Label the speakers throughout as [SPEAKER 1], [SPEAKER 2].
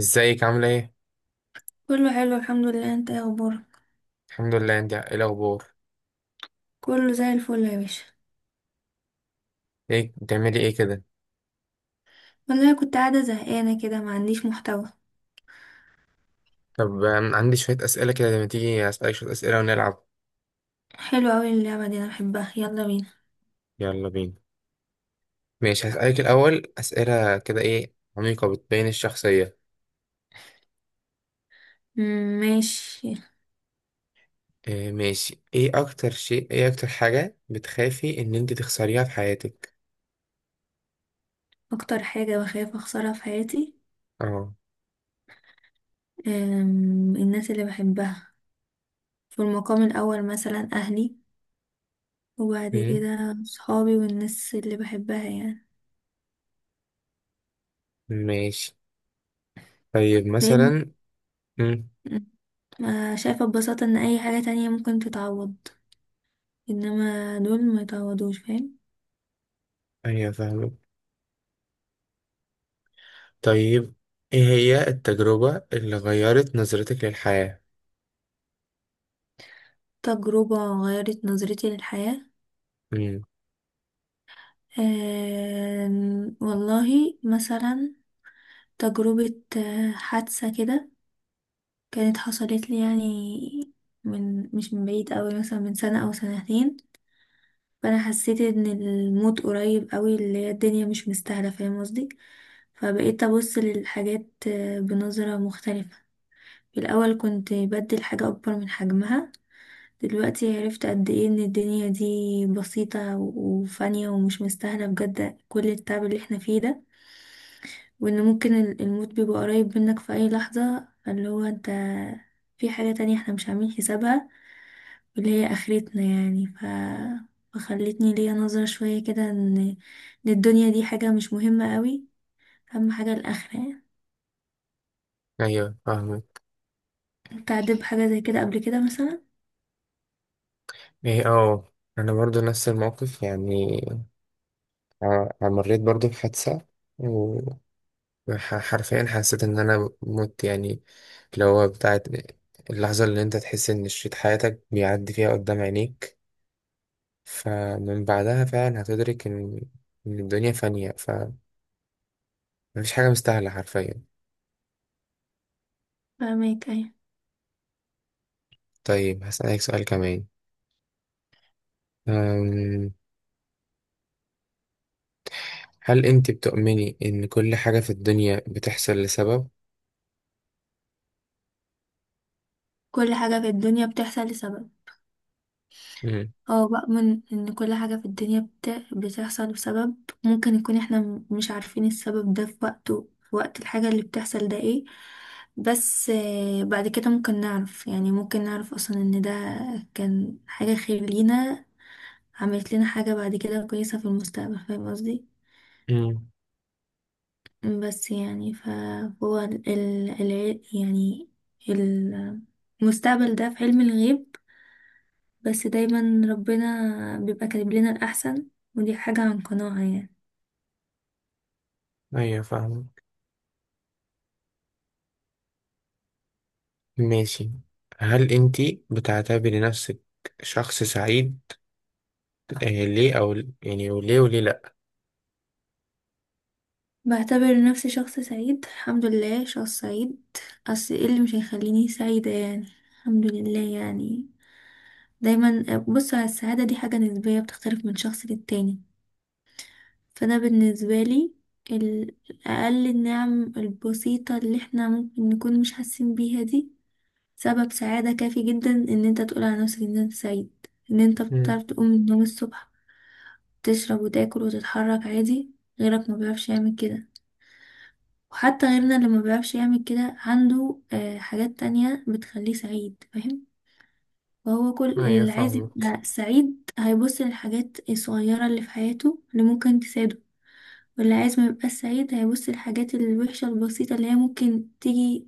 [SPEAKER 1] ازيك عاملة ايه؟
[SPEAKER 2] كله حلو، الحمد لله. انت ايه اخبارك؟
[SPEAKER 1] الحمد لله، انت ايه الأخبار؟
[SPEAKER 2] كله زي الفل يا باشا.
[SPEAKER 1] ايه بتعملي ايه كده؟
[SPEAKER 2] والله كنت قاعده زهقانه كده، ما عنديش محتوى.
[SPEAKER 1] طب عندي شوية أسئلة كده لما تيجي أسألك شوية أسئلة ونلعب.
[SPEAKER 2] حلو قوي اللعبه دي، انا بحبها. يلا بينا.
[SPEAKER 1] يلا بينا. ماشي، هسألك الأول أسئلة كده ايه عميقة بتبين الشخصية.
[SPEAKER 2] مم، ماشي.
[SPEAKER 1] إيه ماشي، ايه أكتر حاجة بتخافي إن انت تخسريها في حياتك؟
[SPEAKER 2] اكتر حاجه بخاف اخسرها في حياتي،
[SPEAKER 1] اه.
[SPEAKER 2] الناس اللي بحبها في المقام الاول، مثلا اهلي، وبعد
[SPEAKER 1] مم،
[SPEAKER 2] كده صحابي والناس اللي بحبها يعني.
[SPEAKER 1] ماشي. طيب
[SPEAKER 2] لان
[SPEAKER 1] مثلا. مم.
[SPEAKER 2] ما شايفه ببساطه ان اي حاجه تانية ممكن تتعوض، انما دول ما يتعوضوش، فاهم؟
[SPEAKER 1] أيوة فاهمك. طيب، ايه هي التجربة اللي غيرت نظرتك للحياة؟
[SPEAKER 2] تجربة غيرت نظرتي للحياة.
[SPEAKER 1] مم.
[SPEAKER 2] والله مثلا تجربة، حادثة كده كانت حصلت لي يعني من مش من بعيد قوي، مثلا من سنة أو سنتين. فأنا حسيت إن الموت قريب قوي، اللي هي الدنيا مش مستاهلة، فاهم قصدي؟ فبقيت أبص للحاجات بنظرة مختلفة. في الأول كنت بدي الحاجة أكبر من حجمها، دلوقتي عرفت قد إيه إن الدنيا دي بسيطة وفانية ومش مستاهلة بجد كل التعب اللي احنا فيه ده. وان ممكن الموت بيبقى قريب منك في اي لحظة، اللي هو انت في حاجة تانية احنا مش عاملين حسابها، واللي هي اخرتنا يعني فخلتني ليا نظرة شوية كده ان الدنيا دي حاجة مش مهمة قوي، اهم حاجة الاخرة يعني.
[SPEAKER 1] أيوة فاهمك.
[SPEAKER 2] انت عديت بحاجة زي كده قبل كده مثلا؟
[SPEAKER 1] ايه، اه، انا برضو نفس الموقف يعني. مريت برضو بحادثة، وحرفيا حسيت ان انا مت يعني. اللي هو بتاعت اللحظة اللي انت تحس ان شريط حياتك بيعدي فيها قدام عينيك. فمن بعدها فعلا هتدرك إن الدنيا فانية، فمفيش حاجة مستاهلة حرفيا.
[SPEAKER 2] فاهمك، ايه.
[SPEAKER 1] طيب، هسألك سؤال كمان. أم، هل انت بتؤمني ان كل حاجة في الدنيا بتحصل لسبب؟
[SPEAKER 2] كل حاجة في الدنيا بتحصل لسبب.
[SPEAKER 1] مم.
[SPEAKER 2] اه بقى، من ان كل حاجة في الدنيا بتحصل بسبب، ممكن يكون احنا مش عارفين السبب ده في وقته، في وقت الحاجة اللي بتحصل ده ايه، بس بعد كده ممكن نعرف يعني، ممكن نعرف اصلا ان ده كان حاجة خير لينا، عملت لنا حاجة بعد كده كويسة في المستقبل، فاهم قصدي؟
[SPEAKER 1] مم.
[SPEAKER 2] بس يعني فهو يعني المستقبل ده في علم الغيب، بس دايما ربنا بيبقى كاتب لنا الأحسن، ودي حاجة عن قناعة يعني.
[SPEAKER 1] ايوه فاهم. ماشي، هل انتي بتعتبري نفسك شخص سعيد، آه ليه او يعني، وليه لا؟
[SPEAKER 2] بعتبر نفسي شخص سعيد، الحمد لله، شخص سعيد. أصل ايه اللي مش هيخليني سعيدة يعني؟ الحمد لله يعني. دايما بص، على السعادة دي حاجة نسبية بتختلف من شخص للتاني. فأنا بالنسبة لي، ال- أقل النعم البسيطة اللي احنا ممكن نكون مش حاسين بيها دي سبب سعادة كافي جدا ان انت تقول على نفسك ان انت سعيد. ان انت
[SPEAKER 1] مم.
[SPEAKER 2] بتعرف تقوم من النوم الصبح، تشرب وتاكل وتتحرك عادي، غيرك ما بيعرفش يعمل كده. وحتى غيرنا اللي ما بيعرفش يعمل كده عنده حاجات تانية بتخليه سعيد، فاهم؟ فهو كل
[SPEAKER 1] ايوه
[SPEAKER 2] اللي عايز
[SPEAKER 1] فاهمك.
[SPEAKER 2] يبقى سعيد هيبص للحاجات الصغيرة اللي في حياته اللي ممكن تساعده. واللي عايز ما يبقاش سعيد هيبص للحاجات الوحشة البسيطة اللي هي ممكن تيجي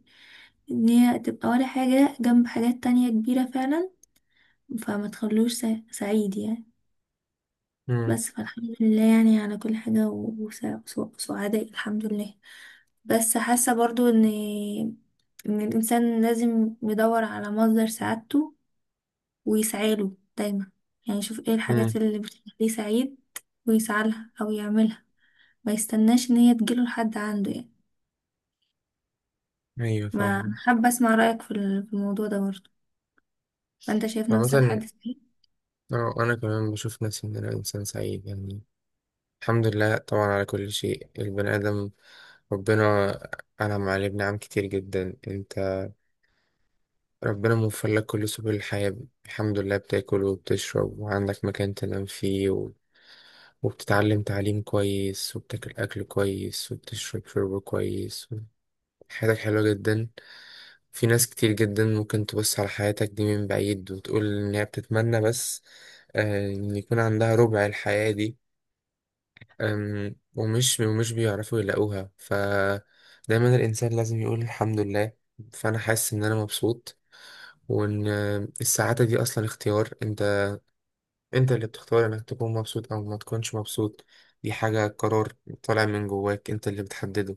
[SPEAKER 2] ان هي تبقى ولا حاجة جنب حاجات تانية كبيرة فعلا، فما تخلوش سعيد يعني.
[SPEAKER 1] مم.
[SPEAKER 2] بس فالحمد لله يعني على كل حاجة، وسعداء الحمد لله. بس حاسة برضو ان الانسان لازم يدور على مصدر سعادته ويسعاله دايما، يعني يشوف ايه الحاجات
[SPEAKER 1] مم.
[SPEAKER 2] اللي بتخليه سعيد ويسعالها او يعملها، ما يستناش ان هي تجيله لحد عنده يعني.
[SPEAKER 1] ايوه
[SPEAKER 2] ما
[SPEAKER 1] فاهمك.
[SPEAKER 2] أنا حابة اسمع رأيك في الموضوع ده برضو، فانت شايف نفسك
[SPEAKER 1] عامة،
[SPEAKER 2] حد سعيد؟
[SPEAKER 1] اه انا كمان بشوف نفسي ان انا انسان سعيد يعني، الحمد لله طبعا على كل شيء. البني ادم ربنا انعم عليه بنعم كتير جدا. انت ربنا موفر لك كل سبل الحياة الحمد لله، بتاكل وبتشرب وعندك مكان تنام فيه، وبتتعلم تعليم كويس وبتاكل أكل كويس وبتشرب شرب كويس. حياتك حلوة جدا. في ناس كتير جدا ممكن تبص على حياتك دي من بعيد وتقول إن هي بتتمنى بس إن يكون عندها ربع الحياة دي. ومش بيعرفوا يلاقوها، فدايما الإنسان لازم يقول الحمد لله. فأنا حاسس إن أنا مبسوط، وإن السعادة دي أصلا اختيار. انت اللي بتختار انك تكون مبسوط او ما تكونش مبسوط. دي حاجة قرار طالع من جواك، انت اللي بتحدده.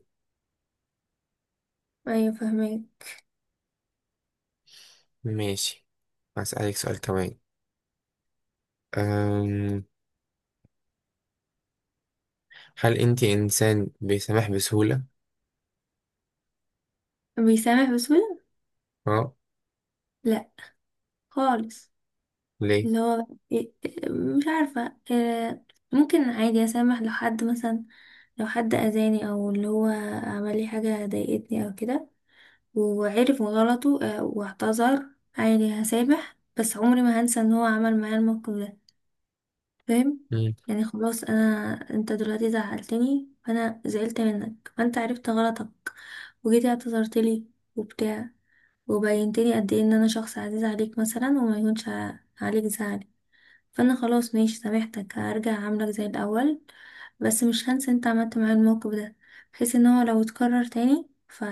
[SPEAKER 2] ايوه، فاهمك.
[SPEAKER 1] ماشي، هسألك سؤال كمان. أم... هل انت انسان بيسامح بسهولة؟
[SPEAKER 2] بيسامح بسهولة؟
[SPEAKER 1] اه
[SPEAKER 2] لا، خالص.
[SPEAKER 1] ليه؟
[SPEAKER 2] اللي هو إيه- مش عارفة، ممكن عادي أسامح لو حد مثلا، لو حد أذاني أو اللي هو عمل لي حاجة ضايقتني أو كده، وعرف غلطه واعتذر، عادي هسامح، بس عمري ما هنسى إن هو عمل معايا الموقف ده، فاهم؟
[SPEAKER 1] مم.
[SPEAKER 2] يعني خلاص أنا، أنت دلوقتي زعلتني فأنا زعلت منك، فأنت عرفت غلطك وجيتي اعتذرت لي وبتاع، وبينتلي قد إيه إن أنا شخص عزيز عليك مثلا وما يكونش عليك زعل، فانا خلاص ماشي سامحتك، هرجع اعاملك زي الاول، بس مش هنسى انت عملت معايا الموقف ده، بحيث ان هو لو اتكرر تاني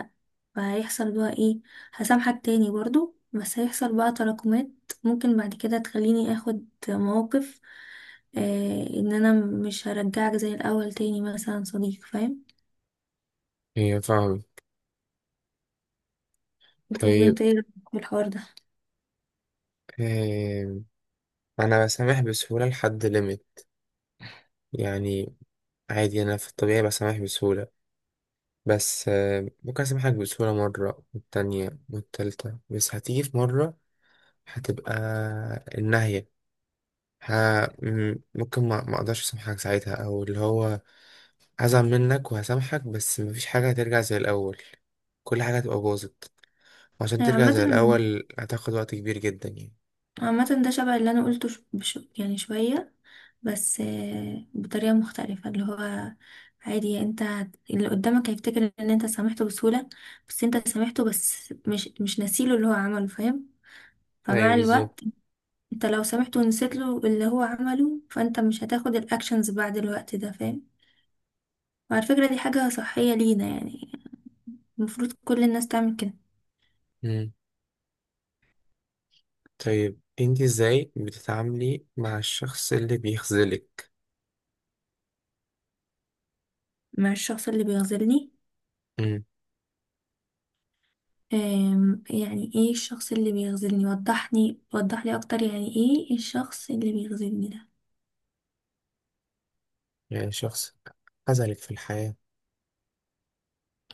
[SPEAKER 2] فهيحصل بقى ايه؟ هسامحك تاني برضو، بس هيحصل بقى تراكمات ممكن بعد كده تخليني اخد مواقف، ان انا مش هرجعك زي الاول تاني مثلا صديق، فاهم؟
[SPEAKER 1] هي فاهم.
[SPEAKER 2] طب
[SPEAKER 1] طيب،
[SPEAKER 2] وانت ايه رأيك في الحوار ده؟
[SPEAKER 1] أم... انا بسامح بسهولة لحد ليميت يعني. عادي انا في الطبيعي بسامح بسهولة، بس ممكن اسامحك بسهولة مرة والتانية والتالتة، بس هتيجي في مرة هتبقى النهاية. ها، ممكن ما اقدرش اسامحك ساعتها، او اللي هو هزعل منك وهسامحك بس مفيش حاجه هترجع زي الاول. كل حاجه هتبقى باظت، وعشان ترجع
[SPEAKER 2] عامة،
[SPEAKER 1] زي الاول هتاخد وقت كبير جدا يعني.
[SPEAKER 2] ده شبه اللي انا قلته، يعني شوية، بس بطريقة مختلفة، اللي هو عادي انت، اللي قدامك هيفتكر ان انت سامحته بسهولة، بس انت سامحته، بس مش ناسيله اللي هو عمله، فاهم؟
[SPEAKER 1] ايوه
[SPEAKER 2] فمع
[SPEAKER 1] بالظبط.
[SPEAKER 2] الوقت انت لو سامحته ونسيت له اللي هو عمله، فانت مش هتاخد الاكشنز بعد الوقت ده، فاهم؟ وعلى فكرة دي حاجة صحية لينا يعني، المفروض كل الناس تعمل كده.
[SPEAKER 1] مم. طيب، انت ازاي بتتعاملي مع الشخص اللي بيخذلك؟
[SPEAKER 2] مع الشخص اللي بيغزلني؟
[SPEAKER 1] مم.
[SPEAKER 2] يعني ايه الشخص اللي بيخذلني؟ وضحني، وضحلي اكتر، يعني ايه الشخص اللي بيخذلني ده؟
[SPEAKER 1] يعني شخص خذلك في الحياه.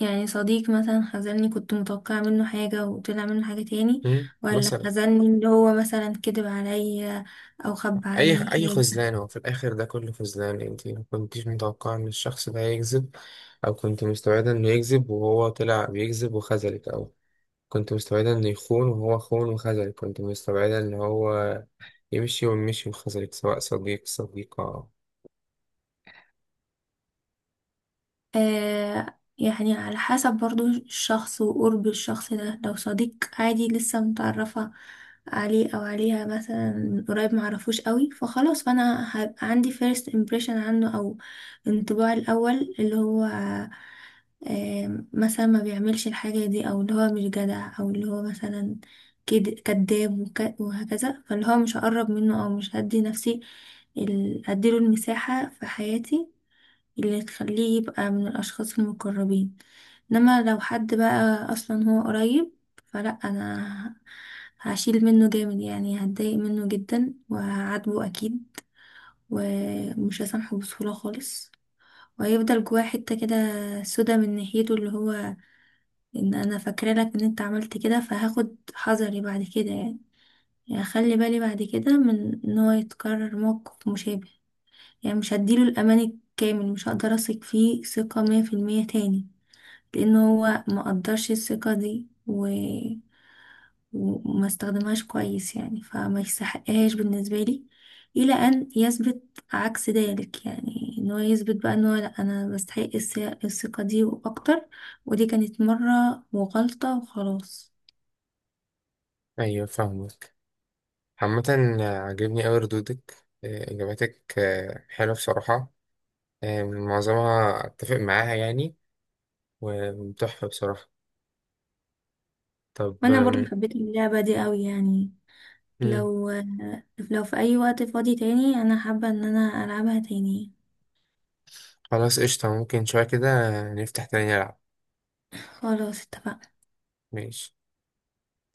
[SPEAKER 2] يعني صديق مثلا خذلني، كنت متوقعة منه حاجة وطلع منه حاجة تاني،
[SPEAKER 1] مم.
[SPEAKER 2] ولا
[SPEAKER 1] مثلا
[SPEAKER 2] خذلني اللي هو مثلا كذب عليا او خبى
[SPEAKER 1] اي
[SPEAKER 2] عني.
[SPEAKER 1] اي خذلان هو في الاخر ده كله خذلان، انت ما كنتيش متوقعه ان الشخص ده هيكذب، او كنت مستعده انه يكذب وهو طلع بيكذب وخذلك، او كنت مستعده انه يخون وهو خون وخذلك، كنت مستعده ان هو يمشي ومشي وخذلك، سواء صديق صديقة.
[SPEAKER 2] يعني على حسب برضو الشخص وقرب الشخص ده، لو صديق عادي لسه متعرفة عليه أو عليها مثلا من قريب، معرفوش قوي، فخلاص فأنا هبقى عندي first impression عنه أو انطباع الأول، اللي هو مثلا ما بيعملش الحاجة دي أو اللي هو مش جدع أو اللي هو مثلا كداب وهكذا، فاللي هو مش هقرب منه أو مش هدي نفسي، أديله المساحة في حياتي اللي تخليه يبقى من الأشخاص المقربين. إنما لو حد بقى أصلا هو قريب، فلا أنا هشيل منه جامد يعني، هتضايق منه جدا وهعاتبه أكيد، ومش هسامحه بسهولة خالص، وهيفضل جواه حتة كده سودا من ناحيته، اللي هو إن أنا فاكرة لك إن أنت عملت كده، فهاخد حذري بعد كده يعني، يعني أخلي بالي بعد كده من إن هو يتكرر موقف مشابه، يعني مش هديله الأمان الكامل، مش هقدر أثق فيه ثقة 100% تاني، لان هو ما قدرش الثقة دي وما استخدمهاش كويس يعني، فما يستحقهاش بالنسبة لي الى ان يثبت عكس ذلك، يعني ان هو يثبت بقى ان هو، لا انا بستحق الثقة دي واكتر، ودي كانت مرة وغلطة وخلاص.
[SPEAKER 1] ايوه فاهمك. عامة، عجبني اوي ردودك، اجاباتك حلوة بصراحة، معظمها اتفق معاها يعني، وتحفة بصراحة. طب
[SPEAKER 2] وانا برضو حبيت اللعبة دي قوي يعني،
[SPEAKER 1] آم،
[SPEAKER 2] لو لو في اي وقت فاضي تاني انا حابة ان انا العبها تاني.
[SPEAKER 1] خلاص قشطة، ممكن شوية كده نفتح تاني نلعب.
[SPEAKER 2] خلاص اتفقنا.
[SPEAKER 1] ماشي